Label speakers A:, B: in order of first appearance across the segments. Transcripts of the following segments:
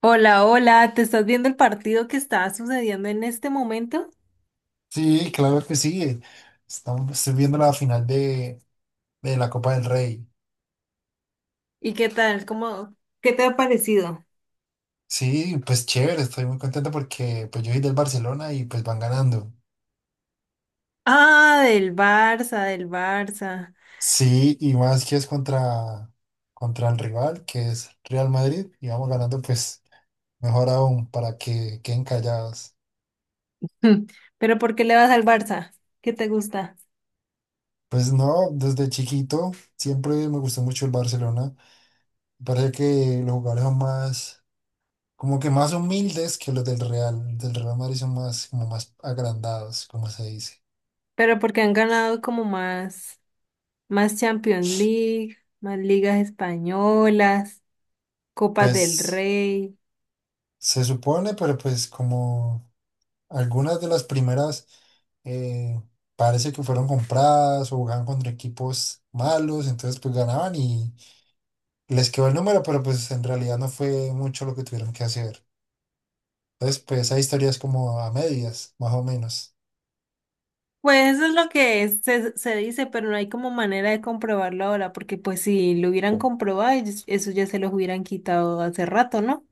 A: Hola, hola, ¿te estás viendo el partido que está sucediendo en este momento?
B: Sí, claro que sí. Estoy viendo la final de la Copa del Rey.
A: ¿Y qué tal? ¿Qué te ha parecido?
B: Sí, pues chévere, estoy muy contento porque pues yo soy del Barcelona y pues van ganando.
A: Ah, del Barça, del Barça.
B: Sí, y más que es contra el rival, que es Real Madrid, y vamos ganando pues mejor aún para que queden callados.
A: Hmm, ¿Pero por qué le vas al Barça? ¿Qué te gusta?
B: Pues no, desde chiquito siempre me gustó mucho el Barcelona. Parece que los jugadores son más, como que más humildes que los del Real Madrid son más, como más agrandados, como se dice.
A: Pero porque han ganado como más, más Champions League, más ligas españolas, Copas del
B: Pues
A: Rey.
B: se supone, pero pues como algunas de las primeras eh, parece que fueron compradas o jugaban contra equipos malos, entonces pues ganaban y les quedó el número, pero pues en realidad no fue mucho lo que tuvieron que hacer. Entonces pues esa historia es como a medias, más o menos.
A: Pues eso es lo que se dice, pero no hay como manera de comprobarlo ahora, porque pues si lo hubieran comprobado, eso ya se los hubieran quitado hace rato, ¿no?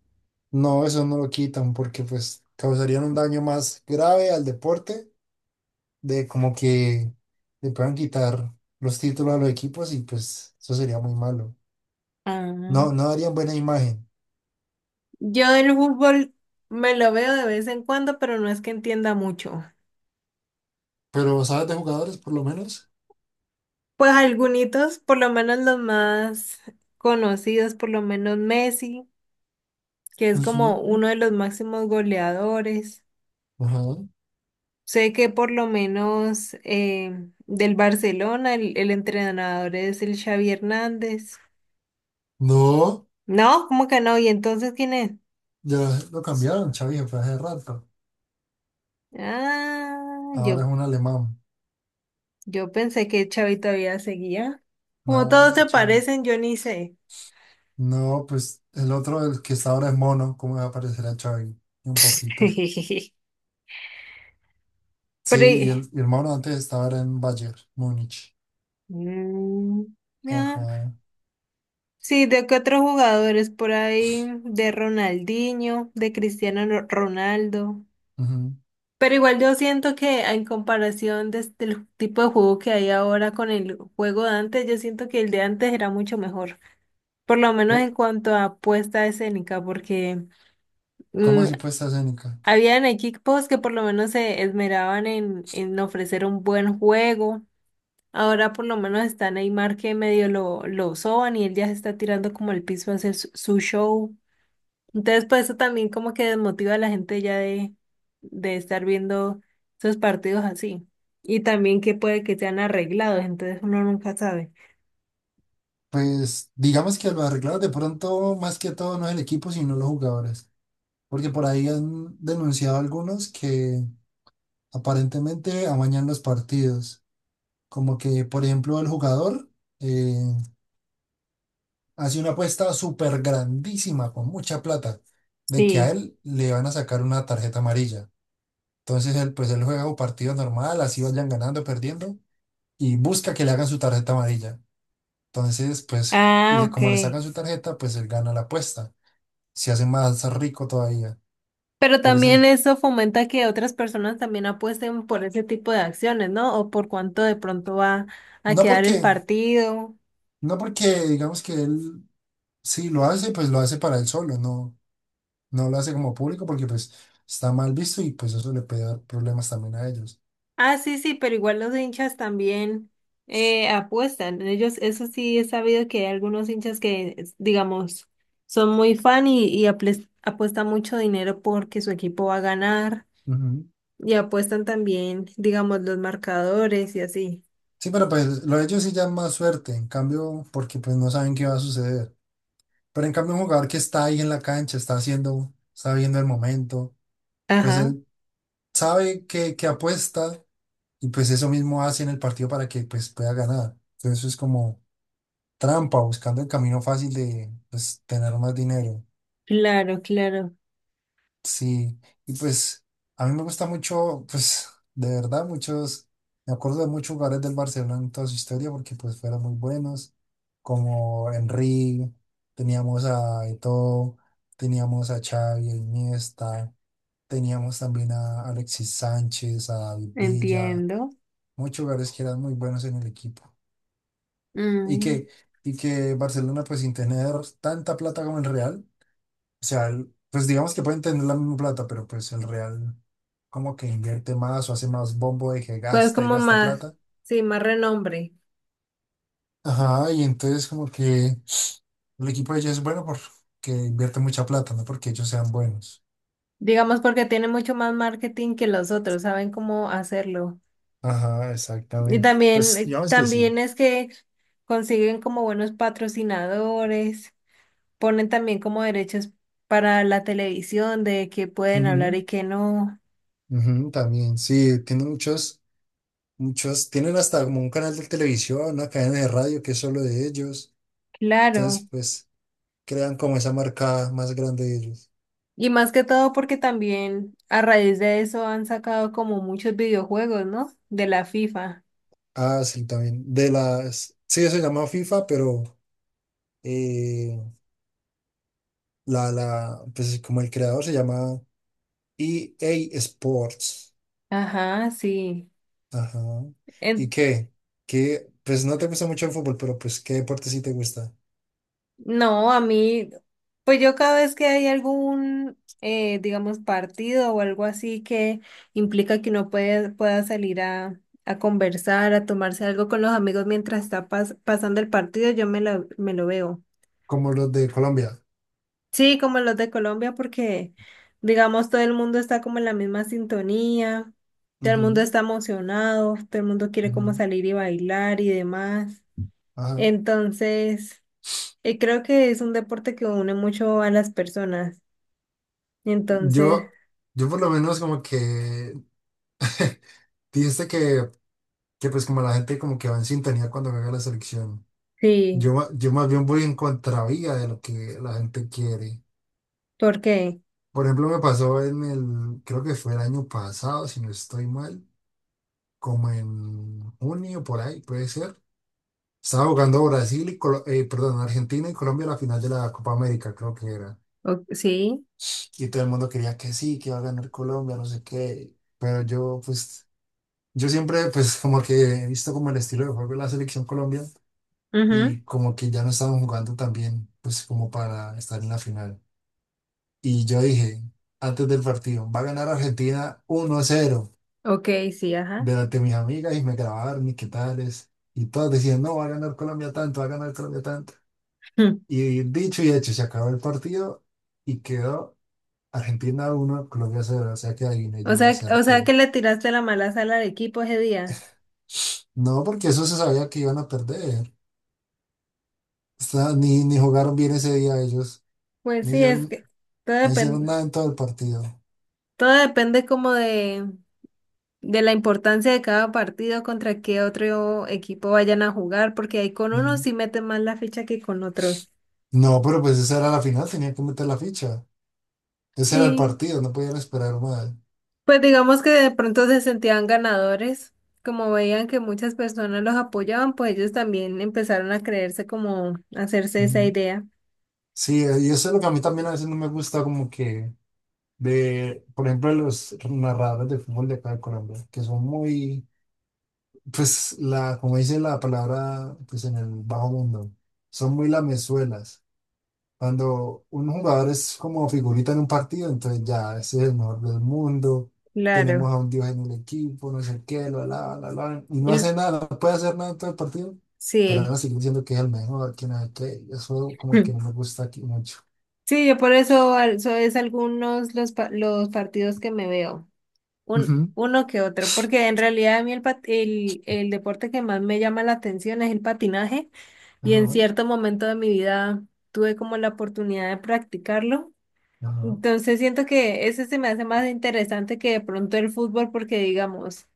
B: No, eso no lo quitan porque pues causarían un daño más grave al deporte de como que le puedan quitar los títulos a los equipos y pues eso sería muy malo. No,
A: Ah,
B: no darían buena imagen.
A: yo del fútbol me lo veo de vez en cuando, pero no es que entienda mucho.
B: Pero ¿sabes de jugadores por lo menos?
A: Pues algunos, por lo menos los más conocidos, por lo menos Messi, que es
B: Ujú,
A: como uno de los máximos goleadores.
B: ajá.
A: Sé que por lo menos del Barcelona el entrenador es el Xavi Hernández.
B: No,
A: No, ¿cómo que no? ¿Y entonces quién es?
B: ya lo cambiaron, Xavi se fue hace rato.
A: Ah,
B: Ahora es
A: yo,
B: un alemán.
A: yo pensé que Xavi todavía seguía. Como
B: No,
A: todos
B: ya
A: se
B: Xavi.
A: parecen, yo ni sé.
B: No, pues el otro, el que está ahora es Mono, ¿cómo va a aparecer a Xavi? Un poquito.
A: Pero,
B: Sí,
A: eh,
B: y el Mono antes estaba ahora en Bayern, Múnich.
A: mm, ah,
B: Ajá.
A: sí, ¿de qué otros jugadores por ahí? De Ronaldinho, de Cristiano Ronaldo.
B: Ujú.
A: Pero igual yo siento que en comparación de del tipo de juego que hay ahora con el juego de antes, yo siento que el de antes era mucho mejor. Por lo menos
B: Co-
A: en cuanto a apuesta escénica, porque
B: ¿Cómo
A: mm,
B: así puesta escénica?
A: habían equipos que por lo menos se esmeraban en ofrecer un buen juego. Ahora por lo menos está Neymar que medio lo soban y él ya se está tirando como al piso a hacer su, su show. Entonces, pues eso también como que desmotiva a la gente ya de estar viendo esos partidos así. Y también que puede que sean arreglados, entonces uno nunca sabe.
B: Pues digamos que lo arreglaron de pronto más que todo no es el equipo, sino los jugadores. Porque por ahí han denunciado algunos que aparentemente amañan los partidos. Como que, por ejemplo, el jugador eh, hace una apuesta súper grandísima, con mucha plata, de que a
A: Sí.
B: él le van a sacar una tarjeta amarilla. Entonces él, pues él juega un partido normal, así vayan ganando, perdiendo, y busca que le hagan su tarjeta amarilla. Entonces, pues,
A: Ah,
B: como le
A: ok.
B: sacan su tarjeta, pues él gana la apuesta. Se hace más rico todavía.
A: Pero
B: Por
A: también
B: ese,
A: eso fomenta que otras personas también apuesten por ese tipo de acciones, ¿no? O por cuánto de pronto va a
B: no
A: quedar el
B: porque,
A: partido.
B: no porque digamos que él sí lo hace, pues lo hace para él solo, no, no lo hace como público porque pues está mal visto y pues eso le puede dar problemas también a ellos.
A: Ah, sí, sí, pero igual los hinchas también apuestan. Ellos, eso sí, he sabido que hay algunos hinchas que, digamos, son muy fan y apuestan mucho dinero porque su equipo va a ganar
B: Ujú.
A: y apuestan también, digamos, los marcadores y así.
B: Sí, pero pues lo de ellos sí ya es más suerte, en cambio, porque pues no saben qué va a suceder. Pero en cambio un jugador que está ahí en la cancha, está viendo el momento, pues
A: Ajá,
B: él sabe que apuesta y pues eso mismo hace en el partido para que pues pueda ganar. Entonces es como trampa, buscando el camino fácil de pues, tener más dinero.
A: claro, claro,
B: Sí, y pues a mí me gusta mucho, pues de verdad, muchos, me acuerdo de muchos jugadores del Barcelona en toda su historia porque pues fueron muy buenos, como Henry, teníamos a Eto'o, teníamos a Xavi, a Iniesta, teníamos también a Alexis Sánchez, a David Villa,
A: entiendo.
B: muchos jugadores que eran muy buenos en el equipo. Y
A: Mm,
B: que, y que Barcelona pues sin tener tanta plata como el Real. O sea, pues digamos que pueden tener la misma plata, pero pues el Real como que invierte más o hace más bombo de que
A: pues
B: gasta y
A: como
B: gasta
A: más,
B: plata.
A: sí, más renombre.
B: Ajá, y entonces como que el equipo de ellos es bueno porque invierte mucha plata, no porque ellos sean buenos.
A: Digamos porque tiene mucho más marketing que los otros, saben cómo hacerlo.
B: Ajá,
A: Y
B: exactamente.
A: también,
B: Pues digamos que sí.
A: también es que consiguen como buenos patrocinadores, ponen también como derechos para la televisión de qué pueden hablar
B: Ujú,
A: y qué no.
B: ujú, también, sí, tienen muchos, muchos, tienen hasta como un canal de televisión, una cadena de radio que es solo de ellos. Entonces,
A: Claro.
B: pues crean como esa marca más grande de ellos.
A: Y más que todo porque también a raíz de eso han sacado como muchos videojuegos, ¿no? De la FIFA.
B: Ah, sí, también. De las. Sí, se llama FIFA, pero eh, pues como el creador se llama EA Sports.
A: Ajá, sí.
B: Ajá. ¿Y
A: En-
B: qué? ¿Qué? Pues no te gusta mucho el fútbol, pero pues ¿qué deporte sí te gusta?
A: No, a mí, pues yo cada vez que hay algún, digamos, partido o algo así que implica que uno puede, pueda salir a conversar, a tomarse algo con los amigos mientras está pasando el partido, yo me me lo veo.
B: Como los de Colombia.
A: Sí, como los de Colombia, porque, digamos, todo el mundo está como en la misma sintonía, todo el mundo
B: Ujú,
A: está emocionado, todo el mundo quiere como
B: ujú,
A: salir y bailar y demás.
B: ajá.
A: Entonces... Y creo que es un deporte que une mucho a las personas. Entonces,
B: Yo, yo por lo menos como que dijiste que pues como la gente como que va en sintonía cuando juega la selección.
A: sí,
B: Yo, yo más bien voy en contravía de lo que la gente quiere.
A: ¿por qué?
B: Por ejemplo, me pasó en el, creo que fue el año pasado, si no estoy mal, como en junio por ahí, puede ser. Estaba jugando perdón, Argentina y Colombia a la final de la Copa América, creo que era.
A: O- sí,
B: Y todo el mundo quería que sí, que iba a ganar Colombia, no sé qué. Pero yo, pues, yo siempre, pues, como que he visto como el estilo de juego de la selección Colombia
A: ujú,
B: y como que ya no estaban jugando tan bien, pues, como para estar en la final. Y yo dije, antes del partido, va a ganar Argentina 1-0.
A: ok, sí, ajá.
B: Delante de mis amigas y me grabaron y qué tales. Y todas decían, no, va a ganar Colombia tanto, va a ganar Colombia tanto.
A: Mm.
B: Y dicho y hecho, se acabó el partido y quedó Argentina 1 Colombia 0. O sea que adiviné, yo
A: O sea que
B: acerté.
A: le tiraste la mala sala al equipo ese día.
B: No, porque eso se sabía que iban a perder. O sea, ni jugaron bien ese día ellos.
A: Pues
B: No
A: sí, es
B: hicieron,
A: que todo
B: no hicieron
A: depende,
B: nada en todo el partido.
A: todo depende como de la importancia de cada partido contra qué otro equipo vayan a jugar, porque ahí con unos
B: Mm.
A: sí meten más la ficha que con otros.
B: No, pero pues esa era la final, tenían que meter la ficha. Ese era el
A: Sí,
B: partido, no podían esperar más.
A: pues digamos que de pronto se sentían ganadores, como veían que muchas personas los apoyaban, pues ellos también empezaron a creerse como hacerse esa
B: Ujú.
A: idea.
B: Sí, y eso es lo que a mí también a veces no me gusta, como que de, por ejemplo, de los narradores de fútbol de acá de Colombia, que son muy, pues, la, como dice la palabra, pues en el bajo mundo, son muy lamezuelas. Cuando un jugador es como figurita en un partido, entonces ya, ese es el mejor del mundo,
A: Claro.
B: tenemos a un dios en el equipo, no sé qué, lo alaban, y
A: Y
B: no
A: l-
B: hace nada, no puede hacer nada en todo el partido, pero
A: sí.
B: ahora siguen diciendo que es el mejor, que no sé qué, y eso como que no me gusta aquí mucho.
A: Sí, yo por eso eso es algunos los los partidos que me veo, un
B: Ujú.
A: uno que otro, porque en realidad a mí el, pat- el deporte que más me llama la atención es el patinaje y en
B: Ajá,
A: cierto momento de mi vida tuve como la oportunidad de practicarlo.
B: ajá,
A: Entonces siento que ese se me hace más interesante que de pronto el fútbol porque digamos,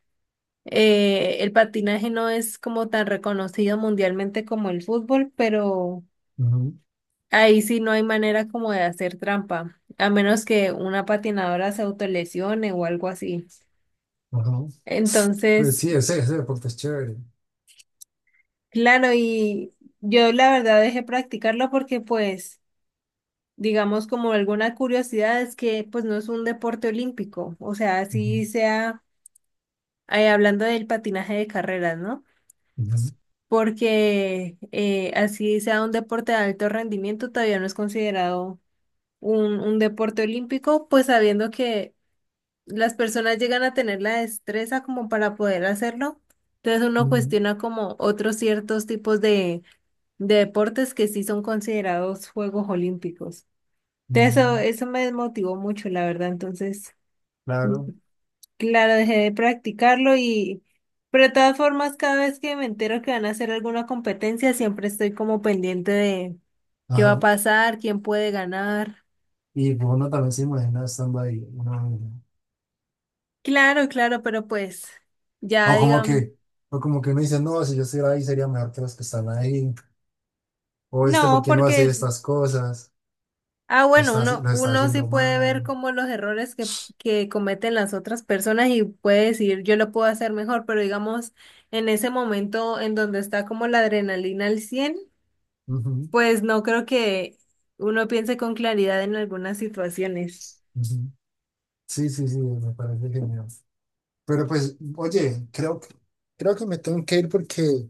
A: el patinaje no es como tan reconocido mundialmente como el fútbol, pero
B: ujú,
A: ahí sí no hay manera como de hacer trampa, a menos que una patinadora se autolesione o algo así.
B: ajá. Pues
A: Entonces,
B: sí, ese deporte es chévere.
A: claro, y yo la verdad dejé practicarlo porque pues... Digamos como alguna curiosidad es que pues no es un deporte olímpico, o sea,
B: Ujú,
A: así sea hablando del patinaje de carreras, ¿no?
B: ujú,
A: Porque así sea un deporte de alto rendimiento, todavía no es considerado un deporte olímpico, pues sabiendo que las personas llegan a tener la destreza como para poder hacerlo. Entonces uno
B: ujú,
A: cuestiona como otros ciertos tipos de deportes que sí son considerados Juegos Olímpicos. Entonces, Eso,
B: ujú,
A: eso me desmotivó mucho, la verdad. Entonces...
B: claro,
A: Claro, dejé de practicarlo y, pero de todas formas, cada vez que me entero que van a hacer alguna competencia, siempre estoy como pendiente de qué va a
B: ajá.
A: pasar, quién puede ganar.
B: Y pues, uno también se imagina estando ahí.
A: Claro, claro, pero pues
B: O
A: ya
B: como
A: digamos,
B: que, o como que uno dice, no, si yo estuviera ahí sería mejor que los que están ahí. O este, ¿por
A: no,
B: qué no hace
A: porque,
B: estas cosas?
A: ah, bueno,
B: Lo está
A: uno sí
B: haciendo
A: puede
B: mal.
A: ver como los errores que cometen las otras personas y puede decir, yo lo puedo hacer mejor, pero digamos, en ese momento en donde está como la adrenalina al 100%.
B: Ujú,
A: Pues no creo que uno piense con claridad en algunas situaciones.
B: ujú. Sí, sí, sí, me parece genial. Pero pues, oye, creo creo que me tengo que ir porque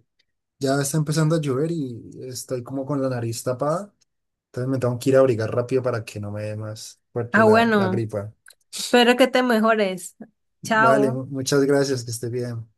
B: ya está empezando a llover y estoy como con la nariz tapada. Entonces me tengo que ir a abrigar rápido para que no me dé más fuerte
A: Ah,
B: la
A: bueno,
B: gripa.
A: espero que te mejores.
B: Vale,
A: Chao.
B: muchas gracias, que esté bien.